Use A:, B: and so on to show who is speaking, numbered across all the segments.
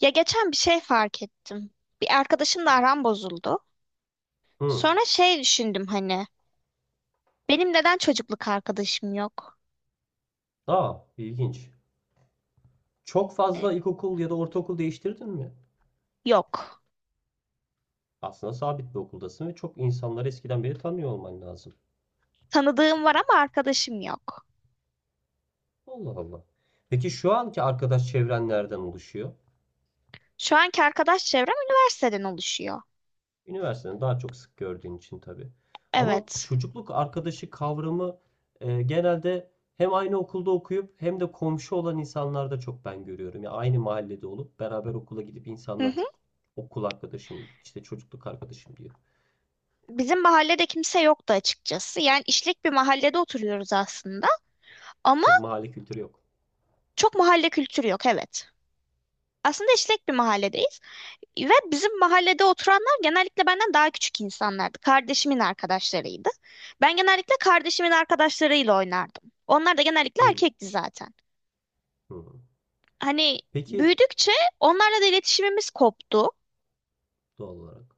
A: Ya geçen bir şey fark ettim. Bir arkadaşımla aram bozuldu.
B: Hı.
A: Sonra şey düşündüm hani. Benim neden çocukluk arkadaşım yok?
B: Aa, ilginç. Çok
A: E,
B: fazla ilkokul ya da ortaokul değiştirdin mi?
A: Yok.
B: Aslında sabit bir okuldasın ve çok insanları eskiden beri tanıyor olman lazım.
A: Tanıdığım var ama arkadaşım yok.
B: Allah Allah. Peki şu anki arkadaş çevren nereden oluşuyor?
A: Şu anki arkadaş çevrem üniversiteden oluşuyor.
B: Üniversiteden daha çok sık gördüğün için tabii. Ama
A: Evet.
B: çocukluk arkadaşı kavramı genelde hem aynı okulda okuyup hem de komşu olan insanlarda çok ben görüyorum. Ya aynı mahallede olup beraber okula gidip
A: Hı
B: insanlar
A: hı.
B: çok okul arkadaşım, işte çocukluk arkadaşım diyor.
A: Bizim mahallede kimse yoktu açıkçası. Yani işlek bir mahallede oturuyoruz aslında. Ama
B: Çok mahalle kültürü yok.
A: çok mahalle kültürü yok, evet. Aslında işlek bir mahalledeyiz. Ve bizim mahallede oturanlar genellikle benden daha küçük insanlardı. Kardeşimin arkadaşlarıydı. Ben genellikle kardeşimin arkadaşlarıyla oynardım. Onlar da genellikle
B: Hı.
A: erkekti zaten.
B: Hı.
A: Hani
B: Peki.
A: büyüdükçe onlarla da iletişimimiz koptu.
B: Doğal olarak.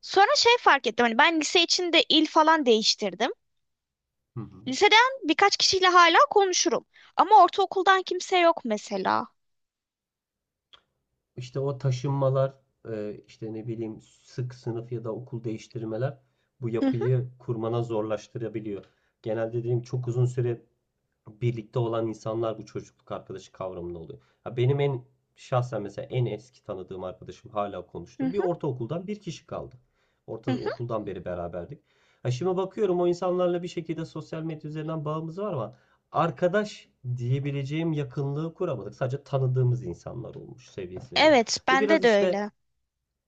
A: Sonra şey fark ettim. Hani ben lise içinde il falan değiştirdim.
B: Hı hı.
A: Liseden birkaç kişiyle hala konuşurum. Ama ortaokuldan kimse yok mesela.
B: işte o taşınmalar, işte ne bileyim, sık sınıf ya da okul değiştirmeler bu
A: Hı hı,
B: yapıyı kurmana zorlaştırabiliyor. Genelde dediğim çok uzun süre birlikte olan insanlar bu çocukluk arkadaşı kavramında oluyor. Ya benim en şahsen mesela en eski tanıdığım arkadaşım hala
A: hı
B: konuştum. Bir
A: hı,
B: ortaokuldan bir kişi kaldı.
A: hı hı.
B: Ortaokuldan beri beraberdik. Ha şimdi bakıyorum o insanlarla bir şekilde sosyal medya üzerinden bağımız var ama arkadaş diyebileceğim yakınlığı kuramadık. Sadece tanıdığımız insanlar olmuş seviyesine geliyor.
A: Evet,
B: Bu
A: bende
B: biraz
A: de
B: işte
A: öyle.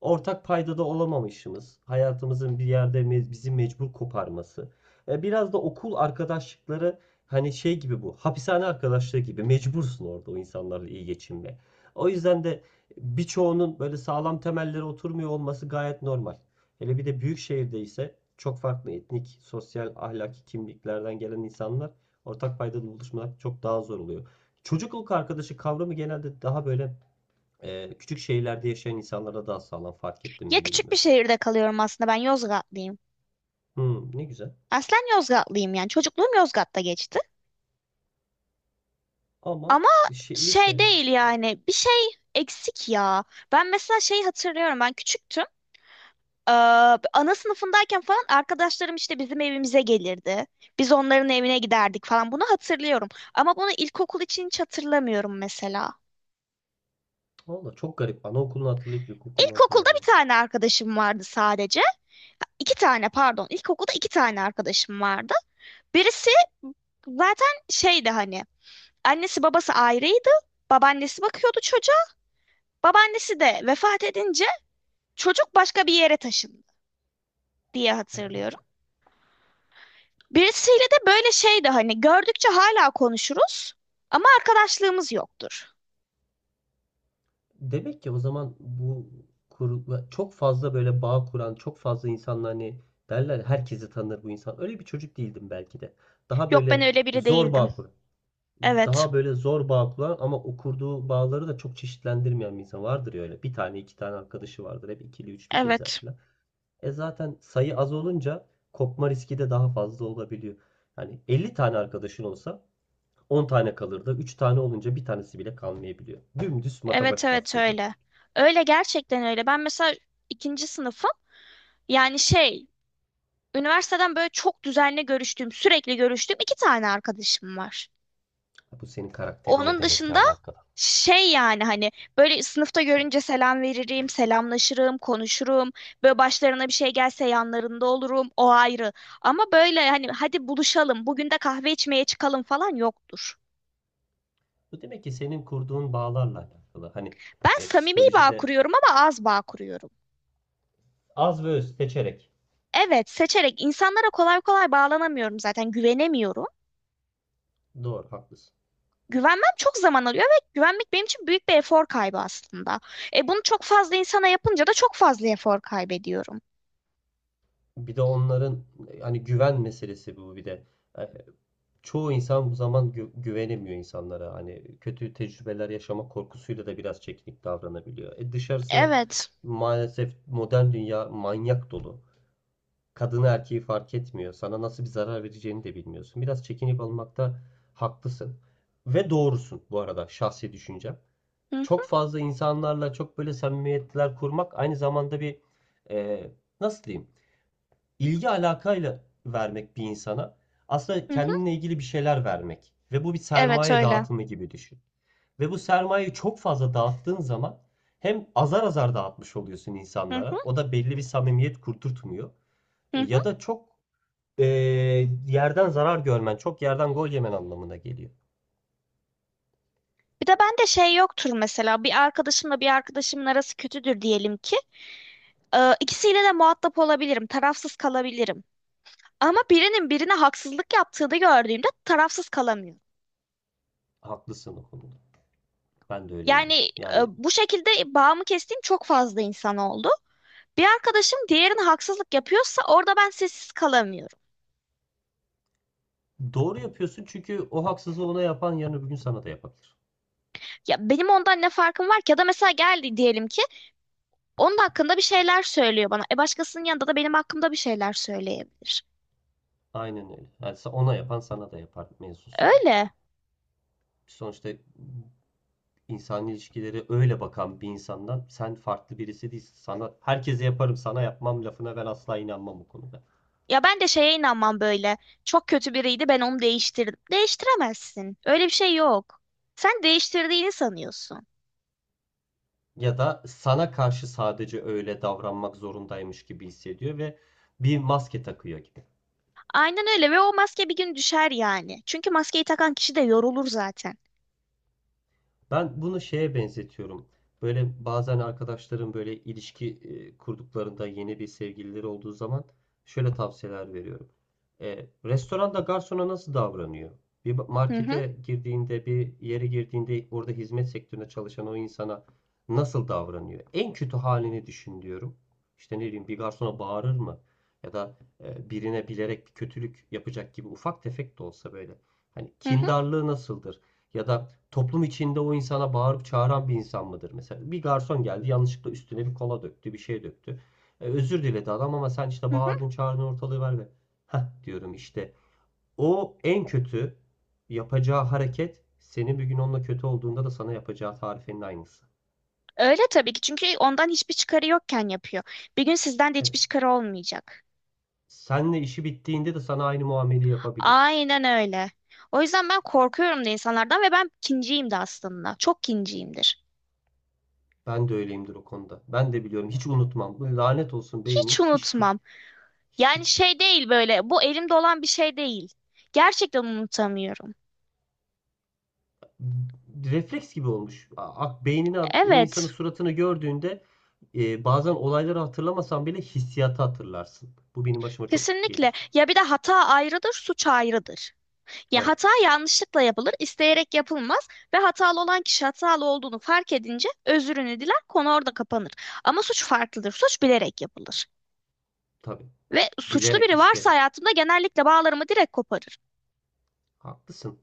B: ortak paydada olamamışımız, hayatımızın bir yerde bizi mecbur koparması. Biraz da okul arkadaşlıkları hani şey gibi bu, hapishane arkadaşlığı gibi mecbursun orada o insanlarla iyi geçinme. O yüzden de birçoğunun böyle sağlam temelleri oturmuyor olması gayet normal. Hele bir de büyük şehirde ise çok farklı etnik, sosyal, ahlaki kimliklerden gelen insanlar ortak paydada buluşmak çok daha zor oluyor. Çocukluk arkadaşı kavramı genelde daha böyle küçük şehirlerde yaşayan insanlara daha sağlam fark ettim
A: Ya
B: mi
A: küçük bir
B: bilmiyorum.
A: şehirde kalıyorum aslında. Ben Yozgatlıyım.
B: Hmm, ne güzel.
A: Aslen Yozgatlıyım yani. Çocukluğum Yozgat'ta geçti.
B: Ama
A: Ama
B: şey,
A: şey
B: lise.
A: değil yani bir şey eksik ya. Ben mesela şeyi hatırlıyorum ben küçüktüm. Ee, Ana sınıfındayken falan arkadaşlarım işte bizim evimize gelirdi. Biz onların evine giderdik falan bunu hatırlıyorum. Ama bunu ilkokul için hiç hatırlamıyorum mesela.
B: Valla çok garip. Anaokulunu hatırlayıp ilkokulunu
A: İlkokulda bir
B: hatırlayamamak.
A: tane arkadaşım vardı sadece. İki tane pardon ilkokulda iki tane arkadaşım vardı. Birisi zaten şeydi hani annesi babası ayrıydı. Babaannesi bakıyordu çocuğa. Babaannesi de vefat edince çocuk başka bir yere taşındı diye hatırlıyorum. Birisiyle de böyle şeydi hani gördükçe hala konuşuruz ama arkadaşlığımız yoktur.
B: Demek ki o zaman bu çok fazla böyle bağ kuran, çok fazla insanla hani derler ya, herkesi tanır bu insan. Öyle bir çocuk değildim belki de. Daha
A: Yok ben
B: böyle
A: öyle biri
B: zor
A: değildim.
B: bağ kuran.
A: Evet,
B: Daha böyle zor bağ kuran ama o kurduğu bağları da çok çeşitlendirmeyen bir insan vardır ya öyle. Bir tane iki tane arkadaşı vardır. Hep ikili üçlü gezer
A: evet,
B: falan. E zaten sayı az olunca kopma riski de daha fazla olabiliyor. Yani 50 tane arkadaşın olsa 10 tane kalır da 3 tane olunca bir tanesi bile kalmayabiliyor. Dümdüz
A: evet,
B: matematik
A: evet
B: aslında.
A: öyle. Öyle gerçekten öyle. Ben mesela ikinci sınıfım. Yani şey, üniversiteden böyle çok düzenli görüştüğüm, sürekli görüştüğüm iki tane arkadaşım var.
B: Bu senin karakterinle
A: Onun
B: demek ki
A: dışında
B: alakalı.
A: şey yani hani böyle sınıfta görünce selam veririm, selamlaşırım, konuşurum. Böyle başlarına bir şey gelse yanlarında olurum, o ayrı. Ama böyle hani hadi buluşalım, bugün de kahve içmeye çıkalım falan yoktur.
B: Bu demek ki senin kurduğun bağlarla alakalı. Hani
A: Ben samimi bağ
B: psikolojide
A: kuruyorum ama az bağ kuruyorum.
B: az ve öz seçerek.
A: Evet, seçerek insanlara kolay kolay bağlanamıyorum zaten, güvenemiyorum.
B: Doğru, haklısın.
A: Güvenmem çok zaman alıyor ve güvenmek benim için büyük bir efor kaybı aslında. E bunu çok fazla insana yapınca da çok fazla efor kaybediyorum.
B: Bir de onların hani güven meselesi bu bir de. E, çoğu insan bu zaman güvenemiyor insanlara. Hani kötü tecrübeler yaşama korkusuyla da biraz çekinip davranabiliyor. E dışarısı
A: Evet.
B: maalesef modern dünya manyak dolu. Kadını erkeği fark etmiyor. Sana nasıl bir zarar vereceğini de bilmiyorsun. Biraz çekinip almakta haklısın. Ve doğrusun bu arada şahsi düşüncem.
A: Hı hı
B: Çok fazla insanlarla çok böyle samimiyetler kurmak aynı zamanda bir, e, nasıl diyeyim, ilgi alakayla vermek bir insana aslında
A: hı. Hı.
B: kendinle ilgili bir şeyler vermek ve bu bir
A: Evet
B: sermaye
A: öyle.
B: dağıtımı gibi düşün. Ve bu sermayeyi çok fazla dağıttığın zaman hem azar azar dağıtmış oluyorsun
A: Hı hı
B: insanlara. O da belli bir samimiyet kurturtmuyor.
A: hı. Hı.
B: Ya da çok e, yerden zarar görmen, çok yerden gol yemen anlamına geliyor.
A: Bir de bende şey yoktur mesela bir arkadaşımla bir arkadaşımın arası kötüdür diyelim ki. İkisiyle de muhatap olabilirim, tarafsız kalabilirim. Ama birinin birine haksızlık yaptığını gördüğümde tarafsız kalamıyorum.
B: Haklısın o konuda. Ben de öyleyimdir.
A: Yani
B: Yani
A: bu şekilde bağımı kestiğim çok fazla insan oldu. Bir arkadaşım diğerine haksızlık yapıyorsa orada ben sessiz kalamıyorum.
B: doğru yapıyorsun çünkü o haksızlığı ona yapan yarın öbür gün sana da yapabilir.
A: Ya benim ondan ne farkım var ki? Ya da mesela geldi diyelim ki onun hakkında bir şeyler söylüyor bana. E başkasının yanında da benim hakkımda bir şeyler söyleyebilir.
B: Aynen öyle. Yani ona yapan sana da yapar mevzusu bu.
A: Öyle.
B: Sonuçta insan ilişkileri öyle bakan bir insandan sen farklı birisi değilsin. Sana herkese yaparım, sana yapmam lafına ben asla inanmam bu konuda.
A: Ya ben de şeye inanmam böyle. Çok kötü biriydi ben onu değiştirdim. Değiştiremezsin. Öyle bir şey yok. Sen değiştirdiğini sanıyorsun.
B: Ya da sana karşı sadece öyle davranmak zorundaymış gibi hissediyor ve bir maske takıyor gibi.
A: Aynen öyle ve o maske bir gün düşer yani. Çünkü maskeyi takan kişi de yorulur zaten.
B: Ben bunu şeye benzetiyorum. Böyle bazen arkadaşlarım böyle ilişki kurduklarında yeni bir sevgilileri olduğu zaman şöyle tavsiyeler veriyorum. Restoranda garsona nasıl davranıyor? Bir
A: Hı hı
B: markete girdiğinde, bir yere girdiğinde orada hizmet sektöründe çalışan o insana nasıl davranıyor? En kötü halini düşün diyorum. İşte ne bileyim bir garsona bağırır mı? Ya da birine bilerek bir kötülük yapacak gibi ufak tefek de olsa böyle. Hani
A: hı hı.
B: kindarlığı nasıldır? Ya da toplum içinde o insana bağırıp çağıran bir insan mıdır? Mesela bir garson geldi yanlışlıkla üstüne bir kola döktü, bir şey döktü. Özür diledi adam ama sen işte
A: Hı hı.
B: bağırdın, çağırdın, ortalığı ver ve Heh diyorum işte. O en kötü yapacağı hareket senin bir gün onunla kötü olduğunda da sana yapacağı tarifenin aynısı.
A: Öyle tabii ki çünkü ondan hiçbir çıkarı yokken yapıyor. Bir gün sizden de
B: Evet.
A: hiçbir çıkarı olmayacak.
B: Seninle işi bittiğinde de sana aynı muameleyi yapabilir.
A: Aynen öyle. O yüzden ben korkuyorum da insanlardan ve ben kinciyim de aslında. Çok kinciyimdir.
B: Ben de öyleyimdir o konuda. Ben de biliyorum. Hiç unutmam. Lanet olsun
A: Hiç
B: beynimiz
A: unutmam. Yani
B: hiç
A: şey değil böyle bu elimde olan bir şey değil. Gerçekten unutamıyorum.
B: refleks gibi olmuş. Beynini o insanın
A: Evet,
B: suratını gördüğünde bazen olayları hatırlamasan bile hissiyatı hatırlarsın. Bu benim başıma çok
A: kesinlikle.
B: gelir.
A: Ya bir de hata ayrıdır, suç ayrıdır. Ya
B: Evet,
A: hata yanlışlıkla yapılır, isteyerek yapılmaz ve hatalı olan kişi hatalı olduğunu fark edince özrünü diler, konu orada kapanır. Ama suç farklıdır, suç bilerek yapılır.
B: tabii.
A: Ve suçlu
B: Bilerek,
A: biri varsa
B: isteyerek.
A: hayatımda genellikle bağlarımı direkt koparır.
B: Haklısın.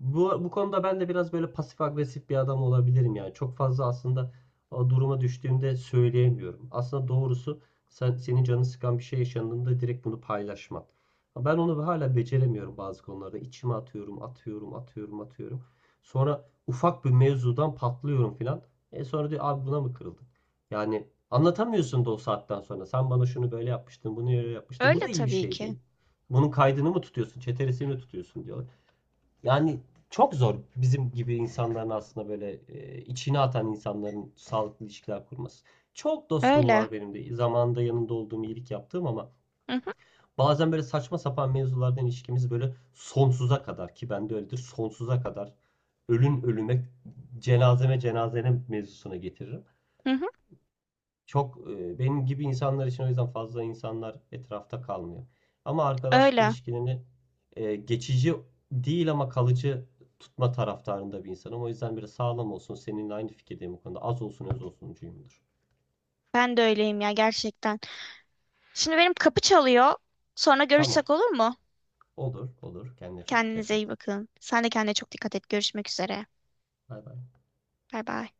B: Bu konuda ben de biraz böyle pasif agresif bir adam olabilirim yani. Çok fazla aslında o duruma düştüğümde söyleyemiyorum. Aslında doğrusu sen senin canını sıkan bir şey yaşandığında direkt bunu paylaşman. Ben onu hala beceremiyorum bazı konularda. İçime atıyorum, atıyorum, atıyorum, atıyorum. Sonra ufak bir mevzudan patlıyorum filan. E sonra diyor abi buna mı kırıldın? Yani anlatamıyorsun da o saatten sonra. Sen bana şunu böyle yapmıştın, bunu böyle yapmıştın. Bu
A: Öyle
B: da iyi bir
A: tabii
B: şey
A: ki.
B: değil. Bunun kaydını mı tutuyorsun, çeteresini mi tutuyorsun diyorlar. Yani çok zor bizim gibi insanların aslında böyle içine atan insanların sağlıklı ilişkiler kurması. Çok dostum
A: Öyle.
B: var benim de. Zamanında yanında olduğum iyilik yaptığım ama
A: Hı hı,
B: bazen böyle saçma sapan mevzulardan ilişkimiz böyle sonsuza kadar ki bende öyledir sonsuza kadar ölün ölüme cenazeme cenazene mevzusuna getiririm.
A: hı hı,
B: Çok benim gibi insanlar için o yüzden fazla insanlar etrafta kalmıyor. Ama arkadaşlık
A: öyle.
B: ilişkilerini geçici değil ama kalıcı tutma taraftarında bir insanım. O yüzden biraz sağlam olsun. Seninle aynı fikirdeyim bu konuda. Az olsun öz olsuncuyumdur.
A: Ben de öyleyim ya gerçekten. Şimdi benim kapı çalıyor. Sonra
B: Tamam.
A: görüşsek olur mu?
B: Olur, olur. Kendine çok dikkat
A: Kendinize
B: et.
A: iyi bakın. Sen de kendine çok dikkat et. Görüşmek üzere.
B: Bay bay.
A: Bay bay.